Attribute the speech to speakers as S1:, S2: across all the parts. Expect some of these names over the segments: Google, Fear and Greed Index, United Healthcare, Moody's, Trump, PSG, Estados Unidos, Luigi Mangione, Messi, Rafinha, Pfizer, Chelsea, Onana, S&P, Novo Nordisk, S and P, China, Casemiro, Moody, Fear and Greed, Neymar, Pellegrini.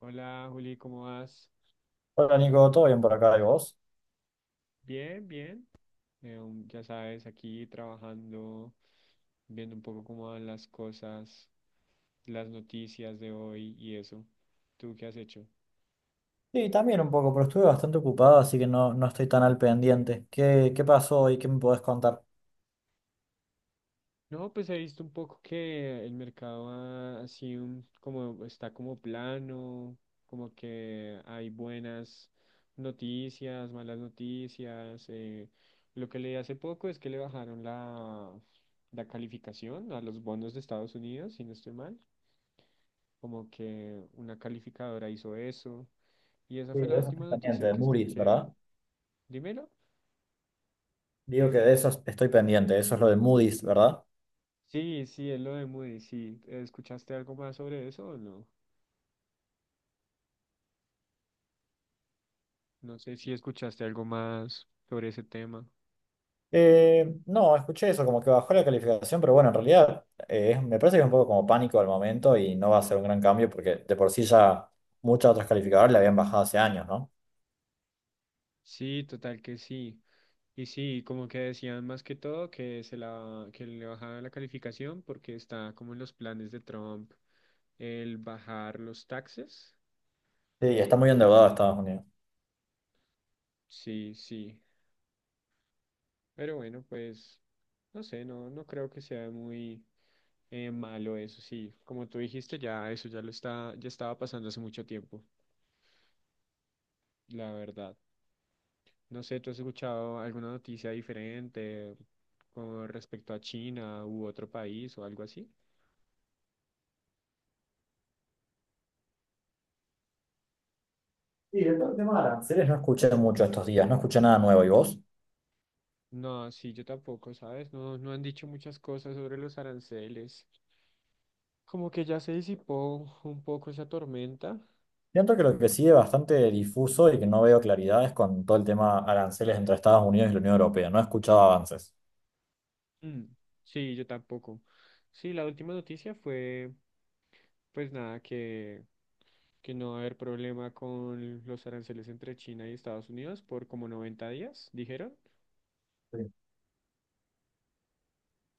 S1: Hola Juli, ¿cómo vas?
S2: Hola Nico, ¿todo bien por acá y vos?
S1: Bien, bien. Ya sabes, aquí trabajando, viendo un poco cómo van las cosas, las noticias de hoy y eso. ¿Tú qué has hecho?
S2: Sí, también un poco, pero estuve bastante ocupado, así que no, no estoy tan al pendiente. ¿Qué pasó y qué me podés contar?
S1: No, pues he visto un poco que el mercado ha sido como está como plano, como que hay buenas noticias, malas noticias. Lo que leí hace poco es que le bajaron la calificación a los bonos de Estados Unidos, si no estoy mal. Como que una calificadora hizo eso. Y esa
S2: Sí,
S1: fue la
S2: de eso
S1: última
S2: estoy pendiente,
S1: noticia
S2: de
S1: que
S2: Moody's,
S1: escuché.
S2: ¿verdad?
S1: Dímelo.
S2: Digo que de eso estoy pendiente, eso es lo de Moody's, ¿verdad?
S1: Sí, sí, es lo de Moody, sí. ¿Escuchaste algo más sobre eso o no? No sé si escuchaste algo más sobre ese tema.
S2: No, escuché eso, como que bajó la calificación, pero bueno, en realidad me parece que es un poco como pánico al momento y no va a ser un gran cambio porque de por sí ya muchas otras calificadoras le habían bajado hace años, ¿no?
S1: Sí, total que sí. Y sí, como que decían más que todo que se la que le bajaban la calificación porque está como en los planes de Trump el bajar los taxes.
S2: Sí, está muy endeudado Estados Unidos.
S1: Sí, sí. Pero bueno, pues no sé, no creo que sea muy malo eso, sí. Como tú dijiste, ya eso ya lo está, ya estaba pasando hace mucho tiempo, la verdad. No sé, ¿tú has escuchado alguna noticia diferente con respecto a China u otro país o algo así?
S2: Sí, el tema de aranceles no escuché mucho estos días, no escuché nada nuevo, ¿y vos?
S1: No, sí, yo tampoco, ¿sabes? No, no han dicho muchas cosas sobre los aranceles. Como que ya se disipó un poco esa tormenta.
S2: Siento que lo que sigue bastante difuso y que no veo claridad es con todo el tema aranceles entre Estados Unidos y la Unión Europea. No he escuchado avances.
S1: Mm, sí, yo tampoco. Sí, la última noticia fue, pues nada, que no va a haber problema con los aranceles entre China y Estados Unidos por como 90 días, dijeron.
S2: Sí.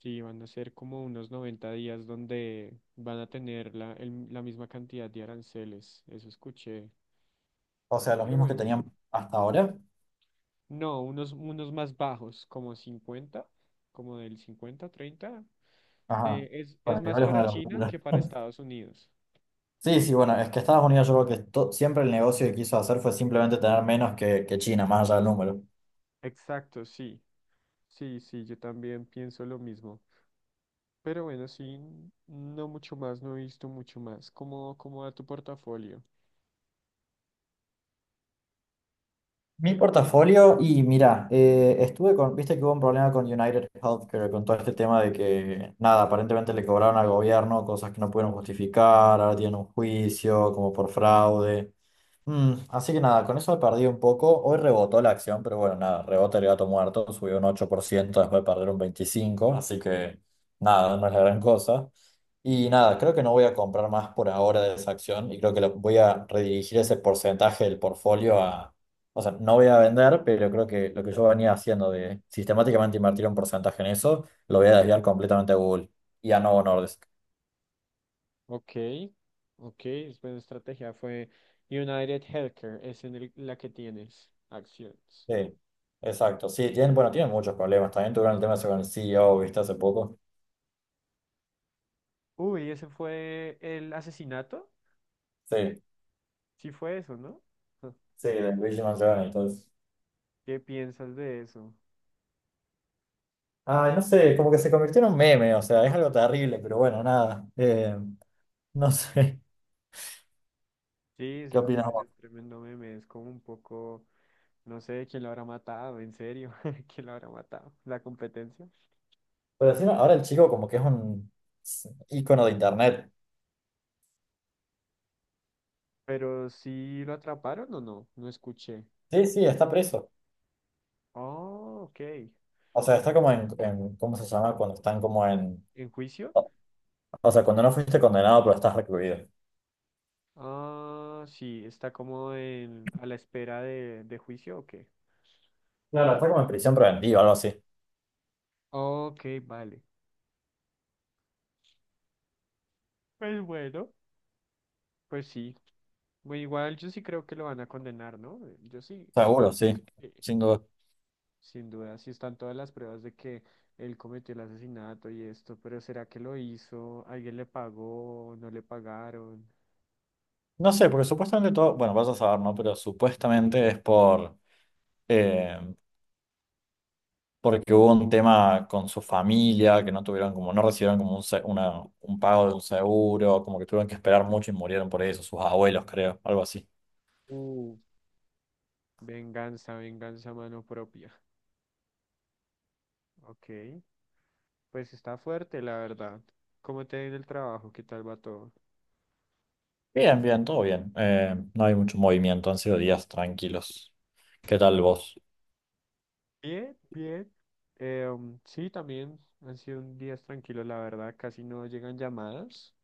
S1: Sí, van a ser como unos 90 días donde van a tener la misma cantidad de aranceles, eso escuché.
S2: O sea, los
S1: Pero
S2: mismos que
S1: bueno,
S2: tenían hasta ahora.
S1: no, unos más bajos, como 50, como del 50, 30.
S2: Ajá.
S1: Es
S2: Bueno,
S1: más
S2: igual es una
S1: para China
S2: locura.
S1: que para Estados Unidos.
S2: Sí, sí, bueno, es que Estados Unidos yo creo que siempre el negocio que quiso hacer fue simplemente tener menos que China, más allá del número.
S1: Exacto, sí, sí, sí, yo también pienso lo mismo. Pero bueno, sí, no mucho más, no he visto mucho más. Cómo va tu portafolio?
S2: Mi portafolio, y mira, estuve con, viste que hubo un problema con United Healthcare, con todo este tema de que, nada, aparentemente le cobraron al gobierno cosas que no pudieron justificar, ahora tienen un juicio como por fraude. Así que nada, con eso he perdido un poco. Hoy rebotó la acción, pero bueno, nada, rebota el gato muerto, subió un 8% después de perder un 25%, así que nada, no es la gran cosa. Y nada, creo que no voy a comprar más por ahora de esa acción y creo que voy a redirigir ese porcentaje del portfolio a... O sea, no voy a vender, pero creo que lo que yo venía haciendo de sistemáticamente invertir un porcentaje en eso, lo voy a desviar completamente a Google y a Novo Nordisk.
S1: Ok, ok, es buena estrategia. Fue United Healthcare, es en la que tienes acciones.
S2: Sí, exacto. Sí, tienen, bueno, tienen muchos problemas. También tuvieron el tema ese con el CEO, ¿viste? Hace poco.
S1: Uy, ese fue el asesinato.
S2: Sí,
S1: Sí fue eso, ¿no? Ja,
S2: sí, de Luigi Mangione y todo eso.
S1: ¿Qué piensas de eso?
S2: Ay, no sé, como que se convirtió en un meme, o sea, es algo terrible, pero bueno, nada. No sé,
S1: Sí,
S2: ¿qué
S1: se
S2: opinas
S1: convierte en
S2: vos?
S1: tremendo meme. Es como un poco, no sé, quién lo habrá matado, en serio, quién lo habrá matado, la competencia.
S2: Pero encima, ahora el chico como que es un ícono de internet.
S1: Pero sí lo atraparon o no, no escuché.
S2: Sí, sí, está preso.
S1: Oh, ok.
S2: O sea, está ¿cómo se llama? Cuando están como en...
S1: ¿En juicio?
S2: O o sea, cuando no fuiste condenado, pero estás recluido.
S1: Ah, sí, está como en, a la espera de juicio o qué.
S2: Claro, está como en prisión preventiva, algo así.
S1: Ok, vale. Pues bueno, pues sí. Bueno, igual yo sí creo que lo van a condenar, ¿no? Yo sí. Sí,
S2: Seguro, sí,
S1: sí.
S2: sin duda.
S1: Sin duda, sí están todas las pruebas de que él cometió el asesinato y esto, pero ¿será que lo hizo? ¿Alguien le pagó? ¿No le pagaron?
S2: No sé, porque supuestamente todo, bueno, vas a saber, ¿no? Pero supuestamente es por... eh, porque hubo un tema con su familia, que no tuvieron como, no recibieron como un pago de un seguro, como que tuvieron que esperar mucho y murieron por eso, sus abuelos creo, algo así.
S1: Uh, venganza, venganza a mano propia. Ok. Pues está fuerte, la verdad. ¿Cómo te ha ido el trabajo? ¿Qué tal va todo?
S2: Bien, bien, todo bien. No hay mucho movimiento, han sido días tranquilos. ¿Qué tal vos?
S1: Bien, bien. Sí, también han sido días tranquilos, la verdad. Casi no llegan llamadas.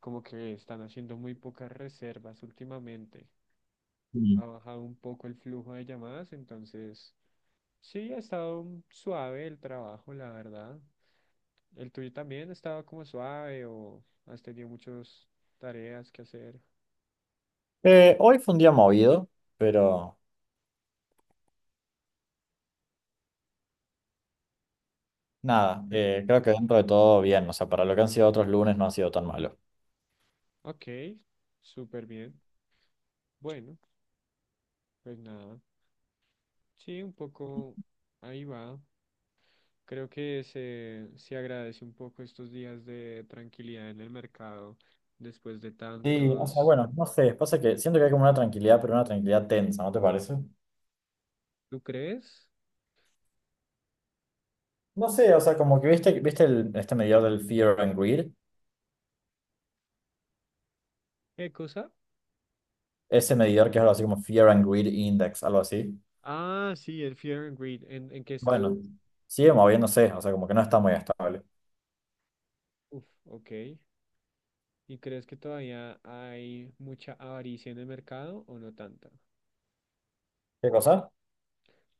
S1: Como que están haciendo muy pocas reservas últimamente.
S2: Mm.
S1: Ha bajado un poco el flujo de llamadas, entonces sí, ha estado suave el trabajo, la verdad. ¿El tuyo también estaba como suave o has tenido muchas tareas que hacer?
S2: Hoy fue un día movido, pero nada,
S1: Bueno,
S2: creo que dentro de todo bien, o sea, para lo que han sido otros lunes no ha sido tan malo.
S1: ok, súper bien. Bueno, pues nada. Sí, un poco ahí va. Creo que se agradece un poco estos días de tranquilidad en el mercado después de
S2: Sí, o sea,
S1: tantos.
S2: bueno, no sé, pasa que siento que hay como una tranquilidad, pero una tranquilidad tensa, ¿no te parece?
S1: ¿Tú crees?
S2: No sé, o sea, como que viste este medidor del Fear and Greed,
S1: ¿Qué cosa?
S2: ese medidor que es algo así como Fear and Greed Index, algo así.
S1: Ah, sí, el Fear and Greed. En qué está?
S2: Bueno, sigue moviéndose, o sea, como que no está muy estable.
S1: Uf, ok. ¿Y crees que todavía hay mucha avaricia en el mercado o no tanta?
S2: ¿Qué cosa?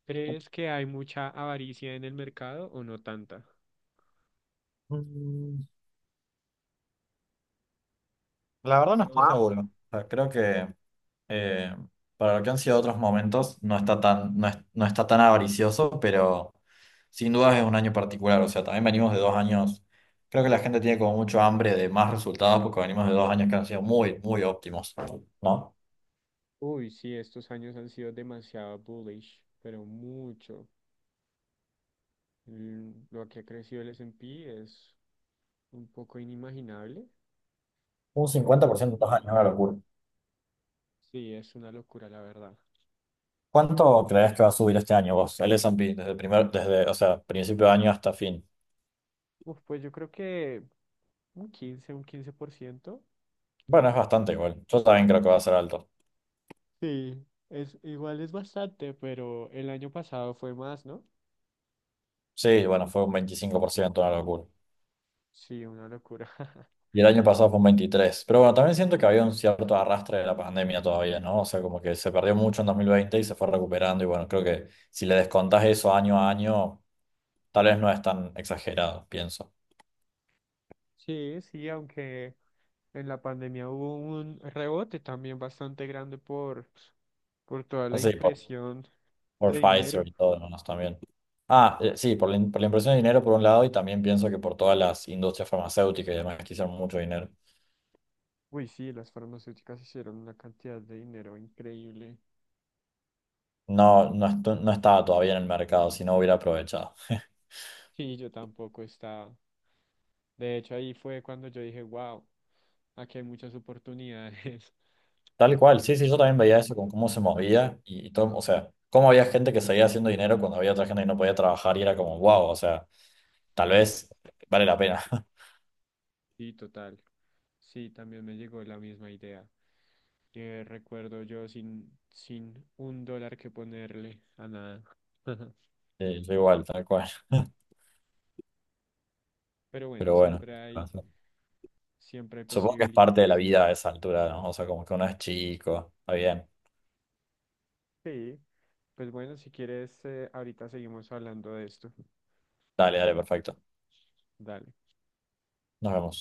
S1: ¿Crees que hay mucha avaricia en el mercado o no tanta?
S2: Mm, La verdad
S1: ¿Cómo
S2: no
S1: lo
S2: estoy
S1: ves?
S2: seguro. O sea, creo que eh, para lo que han sido otros momentos no está tan avaricioso, pero sin duda es un año particular. O sea, también venimos de dos años, creo que la gente tiene como mucho hambre de más resultados porque venimos de dos años que han sido muy, muy óptimos, ¿no?
S1: Uy, sí, estos años han sido demasiado bullish, pero mucho. Mm, lo que ha crecido el S and P es un poco inimaginable,
S2: Un
S1: pero bueno,
S2: 50% en dos años, es una locura.
S1: sí, es una locura, la verdad.
S2: ¿Cuánto crees que va a subir este año vos, el S&P, desde el primer, desde, o sea, principio de año hasta fin?
S1: Uf, pues yo creo que un 15%.
S2: Bueno, es bastante igual. Yo también creo que va a ser alto.
S1: Sí, es, igual es bastante, pero el año pasado fue más, ¿no?
S2: Sí, bueno, fue un 25%, una locura.
S1: Sí, una locura.
S2: Y el año pasado fue un 23%. Pero bueno, también siento que había un cierto arrastre de la pandemia todavía, ¿no? O sea, como que se perdió mucho en 2020 y se fue recuperando. Y bueno, creo que si le descontás eso año a año, tal vez no es tan exagerado, pienso.
S1: Sí, sí, aunque en la pandemia hubo un rebote también bastante grande por toda la
S2: Así,
S1: impresión
S2: por
S1: de dinero.
S2: Pfizer y todo demás también. Ah, sí, por por la impresión de dinero por un lado y también pienso que por todas las industrias farmacéuticas y demás que hicieron mucho dinero.
S1: Uy, sí, las farmacéuticas hicieron una cantidad de dinero increíble.
S2: No, no, no estaba todavía en el mercado, si no hubiera aprovechado.
S1: Sí, yo tampoco estaba. De hecho, ahí fue cuando yo dije, wow, aquí hay muchas oportunidades.
S2: Tal
S1: Cuando
S2: cual,
S1: vi
S2: sí, sí, yo
S1: todo
S2: también
S1: eso.
S2: veía eso con cómo se movía y todo, o sea, cómo había gente que seguía haciendo dinero cuando había otra gente que no podía trabajar y era como, wow, o sea, tal vez vale la pena.
S1: Sí, total. Sí, también me llegó la misma idea. Que recuerdo yo sin un dólar que ponerle a nada.
S2: Sí, yo igual, tal cual.
S1: Pero bueno,
S2: Pero bueno, pasa.
S1: siempre hay
S2: Supongo que es parte de la
S1: posibilidades.
S2: vida a esa altura, ¿no? O sea, como que uno es chico, está bien.
S1: Sí, pues bueno, si quieres, ahorita seguimos hablando de esto.
S2: Dale, dale, perfecto.
S1: Dale.
S2: Nos vemos.